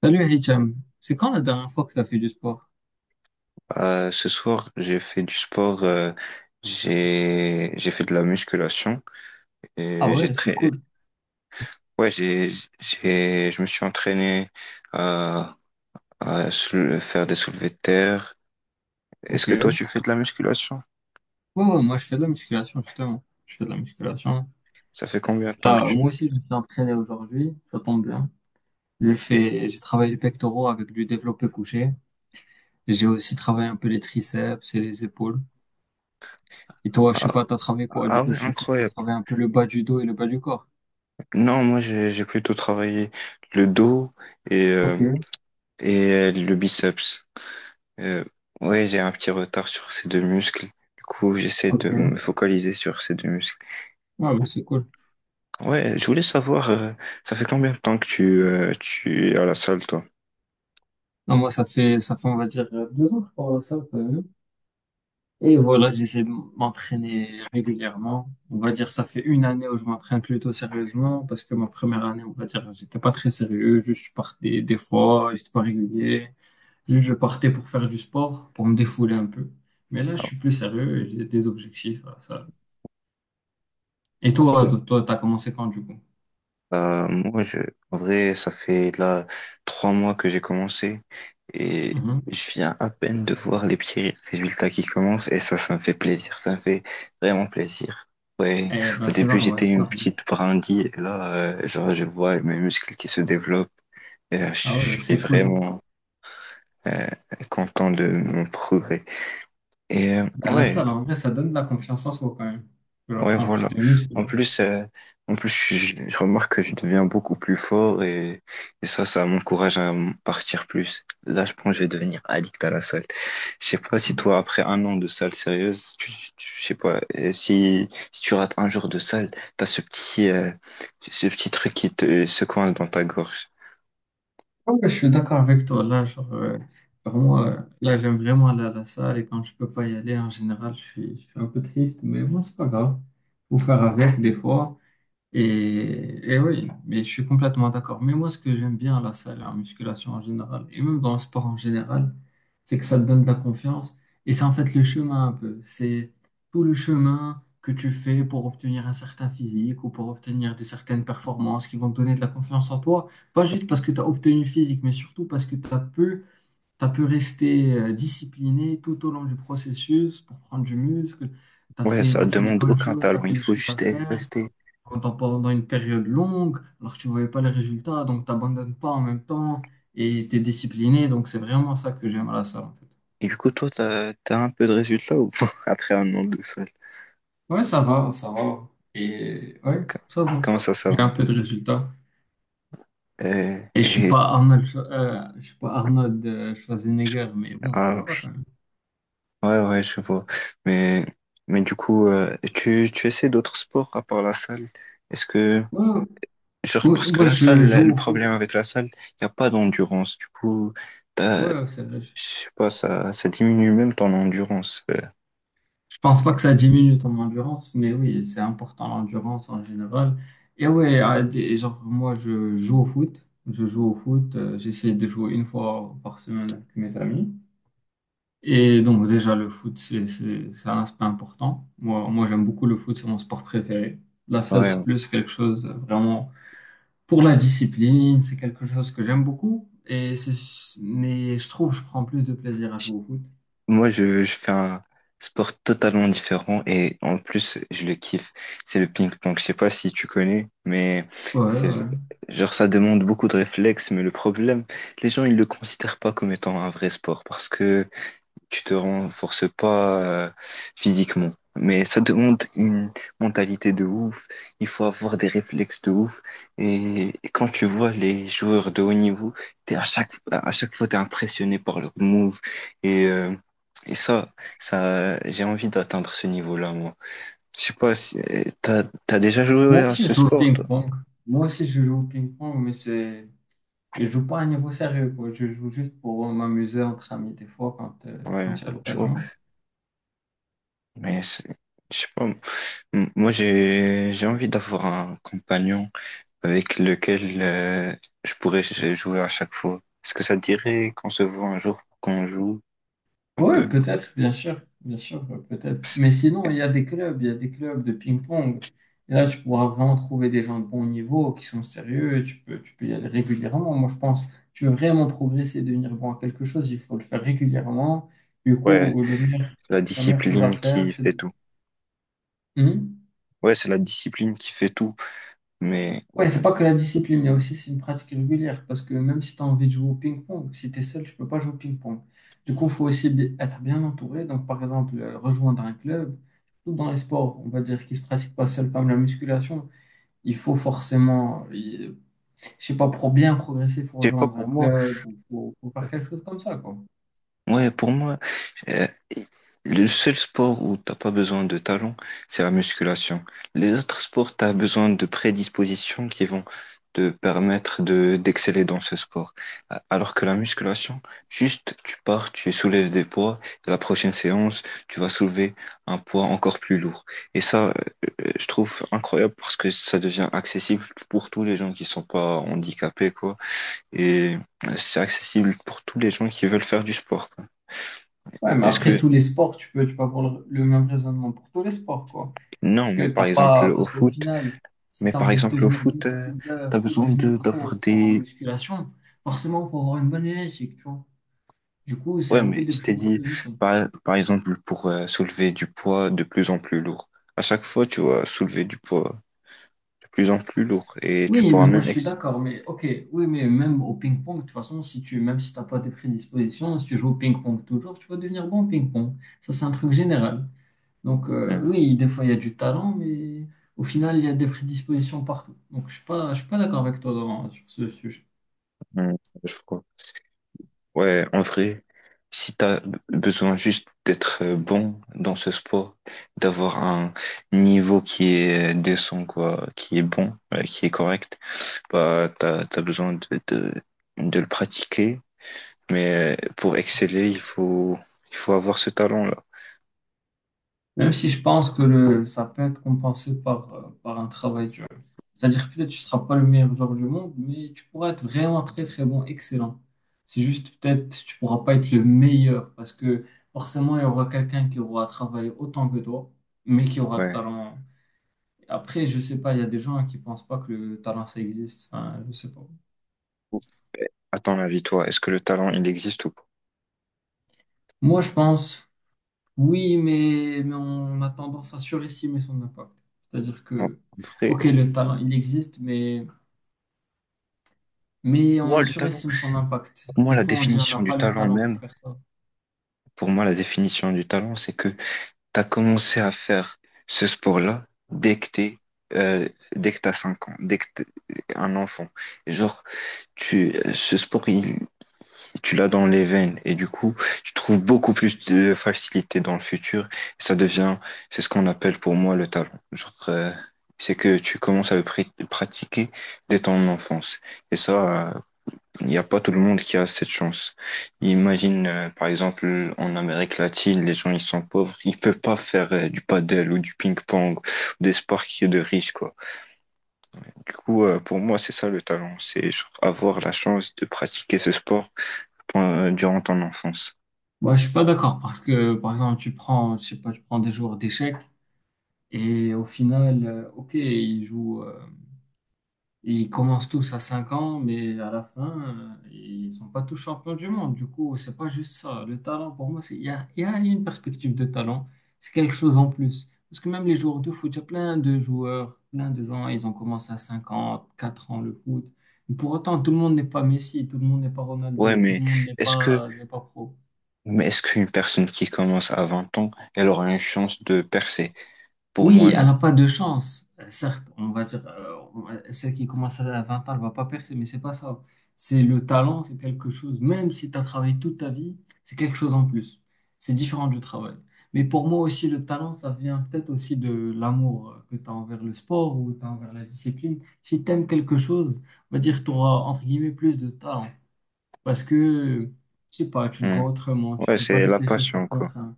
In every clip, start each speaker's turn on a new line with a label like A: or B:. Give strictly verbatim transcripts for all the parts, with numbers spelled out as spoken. A: Salut Hicham, c'est quand la dernière fois que tu as fait du sport?
B: Euh, ce soir, j'ai fait du sport, euh, j'ai j'ai fait de la musculation
A: Ah
B: et j'ai
A: ouais, c'est
B: très
A: cool.
B: ouais, j'ai j'ai je me suis entraîné à à sou- faire des soulevés de terre.
A: Ok.
B: Est-ce que toi
A: Ouais,
B: tu fais de la musculation?
A: ouais, moi je fais de la musculation justement. Je fais de la musculation.
B: Ça fait combien de temps que
A: Là,
B: tu.
A: moi aussi je me suis entraîné aujourd'hui, ça tombe bien. J'ai fait, j'ai travaillé les pectoraux avec du développé couché. J'ai aussi travaillé un peu les triceps et les épaules. Et toi, je sais
B: Ah,
A: pas, t'as travaillé quoi? Du
B: ah
A: coup,
B: ouais,
A: je suppose que t'as
B: incroyable.
A: travaillé un peu le bas du dos et le bas du corps.
B: Non, moi j'ai j'ai plutôt travaillé le dos et euh,
A: Ok,
B: et euh, le biceps. Euh, ouais, j'ai un petit retard sur ces deux muscles. Du coup, j'essaie de me
A: ok.
B: focaliser sur ces deux muscles.
A: Ouais, bah, c'est cool.
B: Ouais, je voulais savoir, euh, ça fait combien de temps que tu, euh, tu es à la salle, toi?
A: Non, moi ça fait, ça fait on va dire euh, deux ans que je parle à ça. Et voilà, j'essaie de m'entraîner régulièrement. On va dire, ça fait une année où je m'entraîne plutôt sérieusement parce que ma première année, on va dire, j'étais pas très sérieux. Juste, je partais des fois, j'étais pas régulier. Juste, je partais pour faire du sport, pour me défouler un peu. Mais là, je
B: Ah,
A: suis plus sérieux et j'ai des objectifs à ça. Et toi,
B: Incroyable.
A: toi, t'as commencé quand du coup?
B: Euh, moi, je, en vrai, ça fait là trois mois que j'ai commencé et
A: Mhm.
B: je viens à peine de voir les petits résultats qui commencent et ça, ça me fait plaisir, ça me fait vraiment plaisir. Ouais,
A: Eh ben,
B: au
A: c'est
B: début,
A: normal,
B: j'étais
A: c'est
B: une
A: normal.
B: petite brindille et là, euh, genre, je vois mes muscles qui se développent et euh,
A: Ah
B: je je
A: ouais,
B: suis
A: c'est cool.
B: vraiment euh, content de mon progrès. Et euh,
A: Ben, la
B: ouais,
A: salle, en vrai, ça donne de la confiance en soi quand même. Genre,
B: ouais,
A: quand tu
B: voilà.
A: te
B: En
A: muscles.
B: plus, euh, en plus, je, je- je remarque que je deviens beaucoup plus fort et, et ça, ça, m'encourage à m- partir plus. Là, je pense que je vais devenir addict à la salle. Je sais pas si toi, après un an de salle sérieuse, tu, tu- je sais pas, euh, si, si tu rates un jour de salle, t'as ce petit, euh, ce petit truc qui te se coince dans ta gorge.
A: Ouais, je suis d'accord avec toi. Là, genre, euh, genre, moi, euh, là, j'aime vraiment aller à la salle et quand je peux pas y aller, en général, je suis, je suis un peu triste, mais bon, c'est pas grave. Faut faire avec des fois. Et, et oui, mais je suis complètement d'accord. Mais moi, ce que j'aime bien à la salle, en musculation en général, et même dans le sport en général, c'est que ça te donne de la confiance. Et c'est en fait le chemin un peu. C'est tout le chemin que tu fais pour obtenir un certain physique ou pour obtenir de certaines performances qui vont te donner de la confiance en toi. Pas juste parce que tu as obtenu le physique, mais surtout parce que tu as pu, t'as pu rester euh, discipliné tout au long du processus pour prendre du muscle. Tu as
B: Ouais,
A: fait,
B: ça
A: tu fait les
B: demande
A: bonnes
B: aucun
A: choses, tu as
B: talent.
A: fait
B: Il
A: les
B: faut
A: choses à
B: juste eh,
A: faire
B: rester.
A: pendant, pendant une période longue, alors que tu voyais pas les résultats, donc t'abandonnes pas en même temps et t'es discipliné. Donc c'est vraiment ça que j'aime à la salle en fait.
B: Et du coup, toi, t'as, t'as un peu de résultat ou pas après un an de salle?
A: Ouais, ça va, ça va. Et ouais, ça va.
B: Comment ça, ça
A: J'ai un
B: va?
A: peu de résultats.
B: Euh,
A: Et je suis
B: Et,
A: pas Arnold, Schwa- euh, je suis pas Arnold euh, Schwarzenegger, mais bon, ça
B: Ah,
A: va quand même.
B: ouais, ouais, je vois. Mais, mais du coup, euh, tu, tu essaies d'autres sports à part la salle? Est-ce que,
A: Ouais,
B: genre,
A: ouais,
B: parce que
A: moi
B: la salle,
A: je
B: la-
A: joue
B: le
A: au
B: problème
A: foot.
B: avec la salle, il n'y a pas d'endurance. Du coup, t'as,
A: Ouais, c'est vrai.
B: je sais pas, ça, ça diminue même ton endurance. Euh,
A: Je pense pas que ça diminue ton endurance, mais oui, c'est important l'endurance en général. Et oui, genre moi je joue au foot, je joue au foot, euh, j'essaie de jouer une fois par semaine avec mes amis. Et donc déjà le foot c'est c'est c'est un aspect important. Moi moi j'aime beaucoup le foot, c'est mon sport préféré. La salle c'est
B: ouais.
A: plus quelque chose euh, vraiment pour la discipline, c'est quelque chose que j'aime beaucoup. Et c'est Mais je trouve que je prends plus de plaisir à jouer au foot.
B: Moi, je, je fais un sport totalement différent et en plus, je le kiffe. C'est le ping-pong. Je sais pas si tu connais, mais
A: Ouais
B: c'est
A: ouais.
B: genre ça demande beaucoup de réflexes. Mais le problème, les gens, ils le considèrent pas comme étant un vrai sport parce que tu te renforces pas euh, physiquement. Mais ça demande une mentalité de ouf. Il faut avoir des réflexes de ouf. Et, et quand tu vois les joueurs de haut niveau, t'es à chaque, à chaque fois, t'es impressionné par leurs moves. Et, euh, et ça, ça, j'ai envie d'atteindre ce niveau-là, moi. Je sais pas si euh, t'as, t'as déjà joué
A: Moi
B: à
A: aussi,
B: ce
A: je joue au
B: sport, toi?
A: ping-pong. Moi aussi, je joue au ping-pong, mais c'est... Je joue pas à un niveau sérieux, quoi. Je joue juste pour euh, m'amuser entre amis, des fois, quand, euh, quand
B: Ouais,
A: j'ai
B: je vois.
A: l'occasion.
B: Mais c'est- je sais pas. M- Moi, j'ai, j'ai envie d'avoir un compagnon avec lequel euh, je pourrais j- jouer à chaque fois. Est-ce que ça te dirait qu'on se voit un jour, qu'on joue un
A: Oui,
B: peu?
A: peut-être, bien sûr. Bien sûr, euh, peut-être.
B: C'est-
A: Mais sinon, il y a des clubs, il y a des clubs de ping-pong. Et là, tu pourras vraiment trouver des gens de bon niveau, qui sont sérieux. Tu peux, tu peux y aller régulièrement. Moi, je pense, tu veux vraiment progresser, devenir bon à quelque chose, il faut le faire régulièrement. Du
B: Ouais,
A: coup, le meilleur,
B: c'est la
A: la meilleure chose à
B: discipline qui
A: faire, c'est
B: fait
A: de...
B: tout.
A: Hmm.
B: Ouais, c'est la discipline qui fait tout. Mais
A: Ouais, c'est pas que la discipline, mais aussi c'est une pratique régulière. Parce que même si tu as envie de jouer au ping-pong, si tu es seul, tu peux pas jouer au ping-pong. Du coup, il faut aussi bi- être bien entouré. Donc, par exemple, euh, rejoindre un club, surtout dans les sports, on va dire, qui se pratiquent pas seul, comme la musculation, il faut forcément, il- je sais pas, pour bien progresser, il faut
B: je sais pas
A: rejoindre un
B: pour moi.
A: club ou faut, faut faire quelque chose comme ça, quoi.
B: Ouais, pour moi. Euh, Le seul sport où t'as pas besoin de talent, c'est la musculation. Les autres sports, t'as besoin de prédispositions qui vont te permettre de d'exceller dans ce sport. A- Alors que la musculation, juste tu pars, tu soulèves des poids, et la prochaine séance, tu vas soulever un poids encore plus lourd. Et ça, euh, euh, je trouve incroyable parce que ça devient accessible pour tous les gens qui sont pas handicapés, quoi. Et euh, c'est accessible pour tous les gens qui veulent faire du sport, quoi.
A: Ouais, mais
B: Est-ce
A: après
B: que
A: tous les sports, tu peux, tu peux avoir le, le même raisonnement pour tous les sports, quoi. Parce
B: Non, mais
A: que
B: par
A: t'as
B: exemple
A: pas,
B: au
A: parce qu'au
B: foot,
A: final, si
B: mais
A: tu as
B: par
A: envie de
B: exemple au
A: devenir
B: foot, euh,
A: bodybuilder
B: t'as
A: ou de
B: besoin
A: devenir
B: de d'avoir
A: pro en
B: des.
A: musculation, forcément, il faut avoir une bonne génétique, tu vois. Du coup, c'est
B: Ouais,
A: un peu
B: mais
A: de
B: je t'ai dit,
A: prédisposition.
B: par, par exemple, pour euh, soulever du poids de plus en plus lourd. À chaque fois, tu vas soulever du poids de plus en plus lourd et tu
A: Oui,
B: pourras
A: mais moi, je
B: même
A: suis
B: exciter.
A: d'accord, mais ok, oui, mais même au ping-pong, de toute façon, si tu, même si t'as pas de prédisposition, si tu joues au ping-pong toujours, tu vas devenir bon au ping-pong. Ça, c'est un truc général. Donc, euh, oui, des fois, il y a du talent, mais au final, il y a des prédispositions partout. Donc, je suis pas, je suis pas d'accord avec toi Doran, sur ce sujet.
B: je crois. Ouais, en vrai, si t'as besoin juste d'être euh, bon dans ce sport, d'avoir un niveau qui est euh, décent, quoi, qui est bon, euh, qui est correct. Bah, t'as, t'as besoin de, de, de le pratiquer, mais euh, pour exceller, il faut, il faut avoir ce talent-là.
A: Même si je pense que le, ça peut être compensé par, euh, par un travail dur. C'est-à-dire que peut-être tu ne seras pas le meilleur joueur du monde, mais tu pourras être vraiment très, très bon, excellent. C'est juste peut-être tu ne pourras pas être le meilleur parce que forcément, il y aura quelqu'un qui aura travaillé autant que toi, mais qui aura le
B: Ouais.
A: talent. Après, je sais pas, il y a des gens qui pensent pas que le talent, ça existe. Enfin, je sais pas.
B: Ou- À ton avis, toi, est-ce que le talent, il existe ou pas?
A: Moi, je pense. Oui, mais, mais on a tendance à surestimer son impact. C'est-à-dire
B: En
A: que,
B: en vrai,
A: ok,
B: oh,
A: le talent, il existe, mais, mais
B: moi,
A: on
B: le talent,
A: surestime son impact.
B: pour moi,
A: Des
B: la
A: fois, on dit on n'a
B: définition du
A: pas le
B: talent
A: talent pour
B: même,
A: faire ça.
B: pour moi, la définition du talent, c'est que t'as commencé à faire ce sport-là dès que t'es, euh, dès que t'as cinq ans, dès que t'es un enfant. Genre, tu, ce sport, il, tu l'as dans les veines et du coup, tu trouves beaucoup plus de facilité dans le futur. ça devient, c'est ce qu'on appelle pour moi le talent. Genre, euh, c'est que tu commences à le pr- pratiquer dès ton enfance. Et ça, euh, il n'y a pas tout le monde qui a cette chance. Imagine, euh, par exemple, en Amérique latine, les gens, ils sont pauvres, ils peuvent pas faire euh, du paddle ou du ping-pong, des sports qui sont de riches, quoi. Du coup, euh, pour moi, c'est ça le talent, c'est genre avoir la chance de pratiquer ce sport euh, durant ton enfance.
A: Moi, je suis pas d'accord parce que, par exemple, tu prends, je sais pas, tu prends des joueurs d'échecs et au final, euh, ok, ils jouent. euh, Ils commencent tous à cinq ans, mais à la fin, euh, ils sont pas tous champions du monde. Du coup, c'est pas juste ça. Le talent, pour moi, c'est- il y a, il y a une perspective de talent. C'est quelque chose en plus. Parce que même les joueurs de foot, il y a plein de joueurs, plein de gens, ils ont commencé à cinq ans, quatre ans le foot. Mais pour autant, tout le monde n'est pas Messi, tout le monde n'est pas
B: Ouais,
A: Ronaldo, tout
B: mais
A: le monde n'est
B: est-ce que,
A: pas, n'est pas pro.
B: mais est-ce qu'une personne qui commence à vingt ans, elle aura une chance de percer? Pour moi,
A: Oui, elle
B: non.
A: n'a pas de chance. Euh, Certes, on va dire, euh, on- celle qui commence à vingt ans, elle va pas percer, mais c'est pas ça. C'est le talent, c'est quelque chose, même si tu as travaillé toute ta vie, c'est quelque chose en plus. C'est différent du travail. Mais pour moi aussi, le talent, ça vient peut-être aussi de l'amour euh, que tu as envers le sport ou tu as envers la discipline. Si tu aimes quelque chose, on va dire, tu auras, entre guillemets, plus de talent. Parce que, je sais pas, tu le
B: Hmm.
A: vois autrement, tu
B: Ouais,
A: fais pas
B: c'est la
A: juste les choses
B: passion,
A: par
B: quoi.
A: contrainte.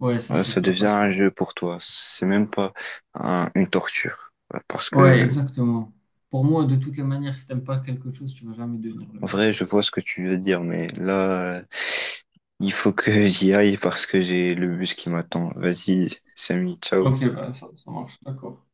A: Ouais, c'est
B: Ouais,
A: ça,
B: ça
A: c'est la
B: devient
A: passion.
B: un jeu pour toi. C'est même pas un- une torture. Ouais, Parce
A: Ouais,
B: que,
A: exactement. Pour moi, de toutes les manières, si t'aimes pas quelque chose, tu vas jamais devenir le
B: en
A: meilleur.
B: vrai,
A: de-
B: je vois ce que tu veux dire, mais là, euh, il faut que j'y aille parce que j'ai le bus qui m'attend. Vas-y, Samy, ciao.
A: Ok, bah, ça, ça marche, d'accord.